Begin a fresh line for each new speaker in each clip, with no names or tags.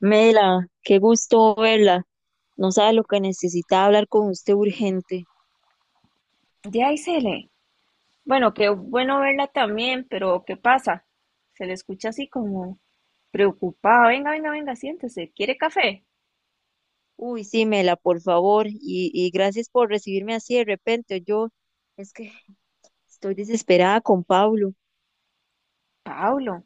Mela, qué gusto verla. No sabe lo que necesitaba hablar con usted urgente.
Ya, Isele. Bueno, qué bueno verla también, pero ¿qué pasa? Se le escucha así como preocupada. Venga, venga, venga, siéntese. ¿Quiere café?
Uy, sí, Mela, por favor. Y gracias por recibirme así de repente. Yo es que estoy desesperada con Pablo.
Pablo,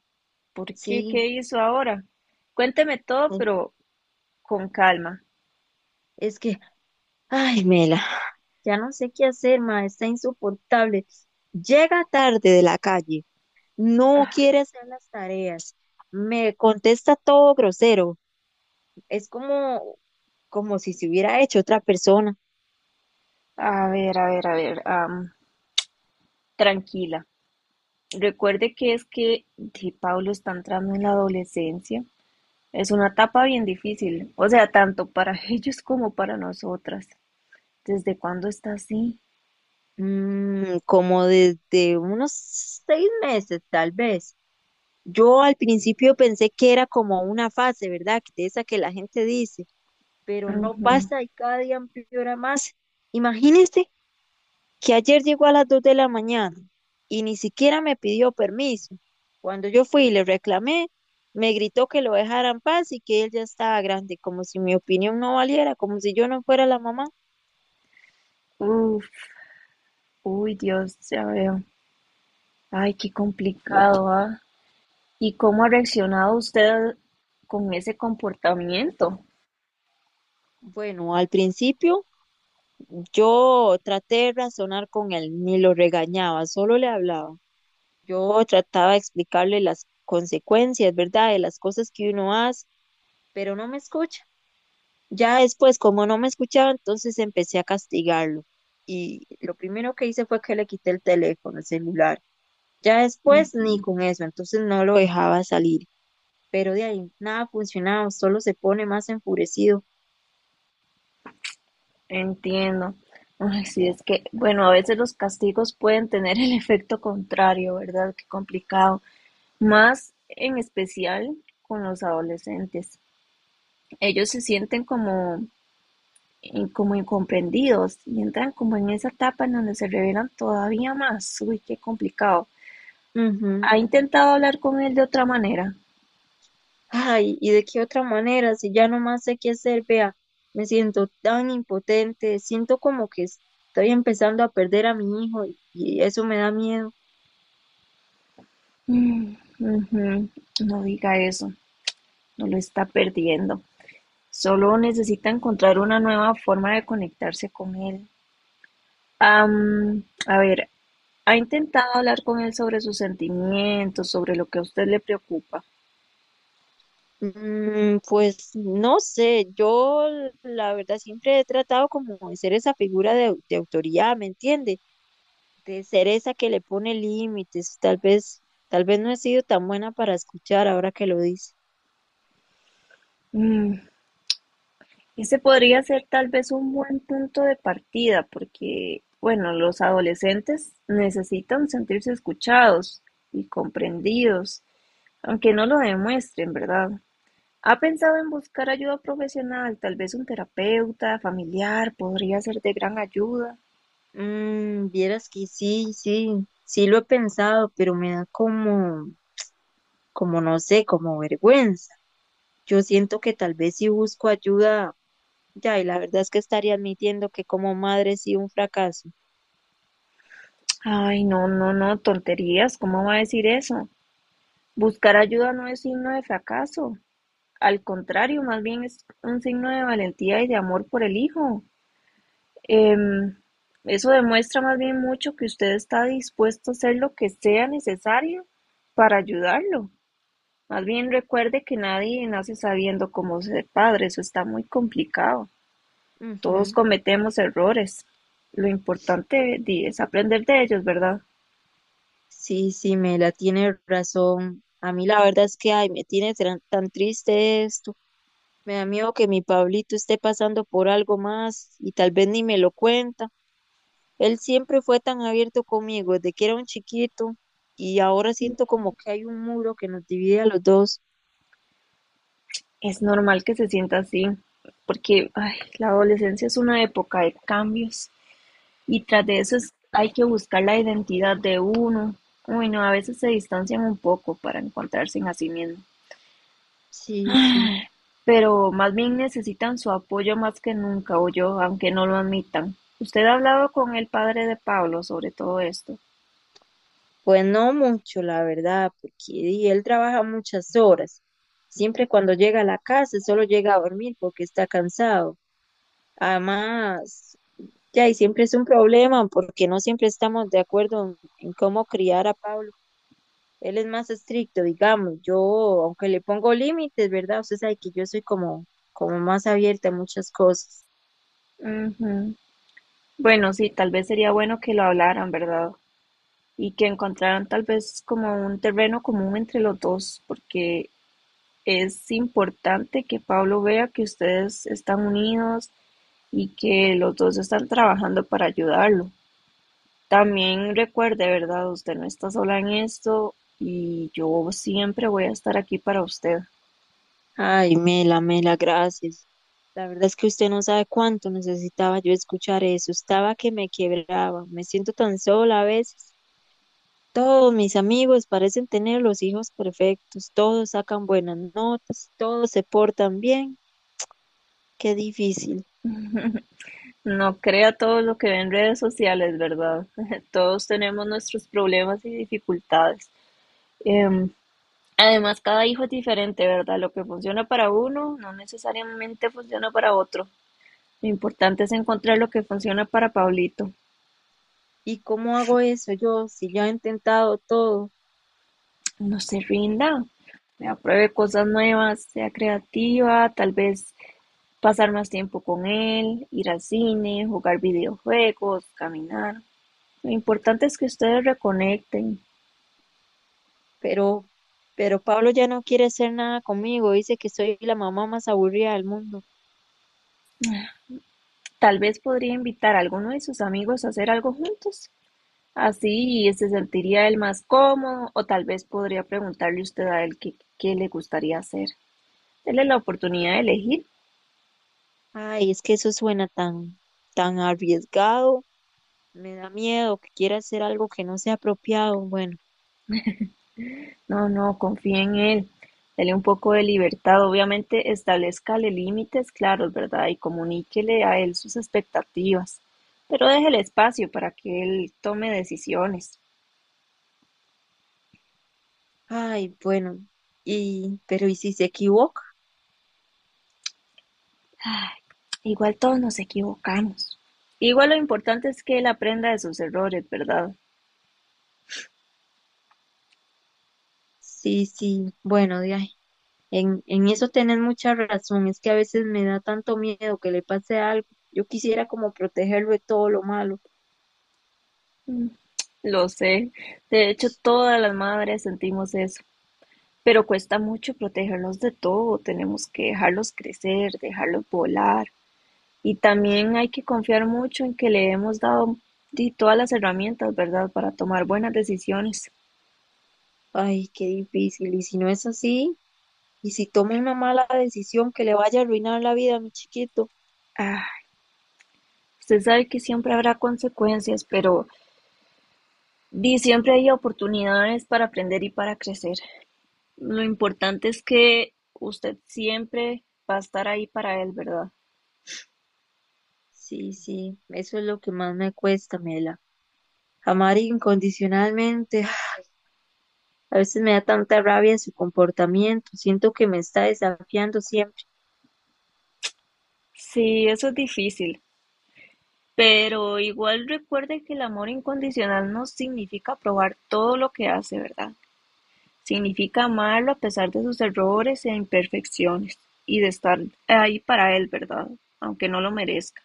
¿por qué? ¿Qué
Sí,
hizo ahora? Cuénteme todo, pero con calma.
es que, ay, Mela, ya no sé qué hacer, ma, está insoportable. Llega tarde de la calle, no
Ah.
quiere hacer las tareas, me contesta todo grosero. Es como, como si se hubiera hecho otra persona.
A ver, a ver, a ver, tranquila. Recuerde que es que de Pablo está entrando en la adolescencia. Es una etapa bien difícil, o sea, tanto para ellos como para nosotras. ¿Desde cuándo está así?
Como desde unos 6 meses, tal vez. Yo al principio pensé que era como una fase, ¿verdad? Que de esa que la gente dice, pero no
Ujú.
pasa y cada día empeora más. Imagínese que ayer llegó a las 2 de la mañana y ni siquiera me pidió permiso. Cuando yo fui y le reclamé, me gritó que lo dejara en paz y que él ya estaba grande, como si mi opinión no valiera, como si yo no fuera la mamá.
Uf, uy, Dios, ya veo. Ay, qué complicado, ¿ah? ¿Y cómo ha reaccionado usted con ese comportamiento?
Bueno, al principio yo traté de razonar con él, ni lo regañaba, solo le hablaba. Yo trataba de explicarle las consecuencias, ¿verdad? De las cosas que uno hace, pero no me escucha. Ya después, como no me escuchaba, entonces empecé a castigarlo. Y lo primero que hice fue que le quité el teléfono, el celular. Ya después, ni
Ujú.
con eso, entonces no lo dejaba salir. Pero de ahí, nada funcionaba, solo se pone más enfurecido.
Entiendo. Ay, sí, es que, bueno, a veces los castigos pueden tener el efecto contrario, ¿verdad? Qué complicado. Más en especial con los adolescentes. Ellos se sienten como, como incomprendidos y entran como en esa etapa en donde se revelan todavía más. Uy, qué complicado.
Ujú.
¿Ha intentado hablar con él de otra manera?
Ay, ¿y de qué otra manera? Si ya no más sé qué hacer, vea, me siento tan impotente, siento como que estoy empezando a perder a mi hijo y eso me da miedo.
Mm, ujú. No diga eso, no lo está perdiendo. Solo necesita encontrar una nueva forma de conectarse con él. A ver, ¿ha intentado hablar con él sobre sus sentimientos, sobre lo que a usted le preocupa?
Pues no sé, yo la verdad siempre he tratado como de ser esa figura de, de autoridad, ¿me entiende? De ser esa que le pone límites, tal vez no he sido tan buena para escuchar ahora que lo dice.
Mm, ese podría ser tal vez un buen punto de partida, porque, bueno, los adolescentes necesitan sentirse escuchados y comprendidos, aunque no lo demuestren, ¿verdad? ¿Ha pensado en buscar ayuda profesional? Tal vez un terapeuta familiar podría ser de gran ayuda.
Vieras que sí, sí, sí lo he pensado, pero me da como... como no sé, como vergüenza. Yo siento que tal vez si busco ayuda, ya, y la verdad es que estaría admitiendo que como madre sí un fracaso.
Ay, no, no, no, tonterías, ¿cómo va a decir eso? Buscar ayuda no es signo de fracaso. Al contrario, más bien es un signo de valentía y de amor por el hijo. Em, eso demuestra más bien mucho que usted está dispuesto a hacer lo que sea necesario para ayudarlo. Más bien recuerde que nadie nace sabiendo cómo ser padre, eso está muy complicado. Todos
Ujú.
cometemos errores. Lo importante di, es aprender de ellos, ¿verdad?
Sí, sí, me la tiene razón. A mí la verdad es que, ay, me tiene tan, triste esto. Me da miedo que mi Pablito esté pasando por algo más y tal vez ni me lo cuenta. Él siempre fue tan abierto conmigo desde que era un chiquito y ahora siento como que hay un muro que nos divide a los dos.
Es normal que se sienta así, porque ay, la adolescencia es una época de cambios y tras de eso hay que buscar la identidad de uno. Uy, no, a veces se distancian un poco para encontrarse en a sí mismo.
Sí, sí.
Pero más bien necesitan su apoyo más que nunca, o yo, aunque no lo admitan. ¿Usted ha hablado con el padre de Pablo sobre todo esto?
Pues no mucho, la verdad, porque di, él trabaja muchas horas. Siempre cuando llega a la casa, solo llega a dormir porque está cansado. Además, ya, y siempre es un problema porque no siempre estamos de acuerdo en cómo criar a Pablo. Él es más estricto, digamos. Yo, aunque le pongo límites, ¿verdad? Usted sabe que yo soy como, como más abierta a muchas cosas.
Ujú. Bueno, sí, tal vez sería bueno que lo hablaran, ¿verdad? Y que encontraran tal vez como un terreno común entre los dos, porque es importante que Pablo vea que ustedes están unidos y que los dos están trabajando para ayudarlo. También recuerde, ¿verdad? Usted no está sola en esto y yo siempre voy a estar aquí para usted.
Ay, Mela, Mela, gracias. La verdad es que usted no sabe cuánto necesitaba yo escuchar eso. Estaba que me quebraba. Me siento tan sola a veces. Todos mis amigos parecen tener los hijos perfectos. Todos sacan buenas notas. Todos se portan bien. Qué difícil.
No crea todo lo que ve en redes sociales, ¿verdad? Todos tenemos nuestros problemas y dificultades. Em, Además, cada hijo es diferente, ¿verdad? Lo que funciona para uno no necesariamente funciona para otro. Lo importante es encontrar lo que funciona para Pablito.
¿Y cómo hago eso yo si ya he intentado todo?
No se rinda, vea, pruebe cosas nuevas, sea creativa, tal vez pasar más tiempo con él, ir al cine, jugar videojuegos, caminar. Lo importante es que ustedes reconecten.
Pero, pero Pablo ya no quiere hacer nada conmigo. Dice que soy la mamá más aburrida del mundo.
Tal vez podría invitar a alguno de sus amigos a hacer algo juntos. Así se sentiría él más cómodo, o tal vez podría preguntarle usted a él qué, qué le gustaría hacer. Dele la oportunidad de elegir.
Ay, es que eso suena tan, tan arriesgado. Me da miedo que quiera hacer algo que no sea apropiado. Bueno,
No, no, confíe en él. Dele un poco de libertad. Obviamente, establezcale límites claros, ¿verdad? Y comuníquele a él sus expectativas. Pero déjele espacio para que él tome decisiones.
ay, bueno. Y, pero ¿y si se equivoca?
Ay, igual todos nos equivocamos. Igual lo importante es que él aprenda de sus errores, ¿verdad?
Sí, sí, bueno, de ahí. En eso tenés mucha razón. Es que a veces me da tanto miedo que le pase algo. Yo quisiera como protegerlo de todo lo malo.
Mm, lo sé, de hecho todas las madres sentimos eso, pero cuesta mucho protegerlos de todo, tenemos que dejarlos crecer, dejarlos volar y también hay que confiar mucho en que le hemos dado di, todas las herramientas, ¿verdad?, para tomar buenas decisiones.
Ay, qué difícil. Y si no es así, y si toma una mala decisión que le vaya a arruinar la vida a mi chiquito.
Ah, usted sabe que siempre habrá consecuencias, pero di, siempre hay oportunidades para aprender y para crecer. Lo importante es que usted siempre va a estar ahí para él, ¿verdad?
Sí, sí, eso es lo que más me cuesta, Mela. Amar incondicionalmente. A veces me da tanta rabia su comportamiento, siento que me está desafiando siempre
Sí, eso es difícil. Pero igual recuerde que el amor incondicional no significa aprobar todo lo que hace, ¿verdad? Significa amarlo a pesar de sus errores e imperfecciones y de estar ahí para él, ¿verdad? Aunque no lo merezca.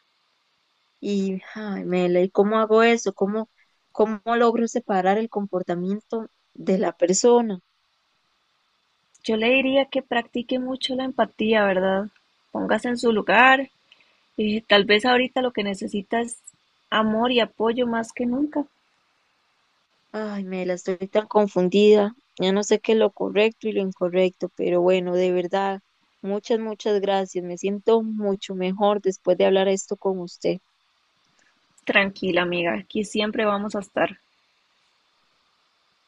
y ay, Mela, ¿y cómo hago eso? ¿Cómo, cómo logro separar el comportamiento de la persona?
Yo le diría que practique mucho la empatía, ¿verdad? Póngase en su lugar. Tal vez ahorita lo que necesita es amor y apoyo más que nunca.
Ay, Mela, estoy tan confundida, ya no sé qué es lo correcto y lo incorrecto, pero bueno, de verdad, muchas, muchas gracias, me siento mucho mejor después de hablar esto con usted.
Tranquila, amiga, aquí siempre vamos a estar.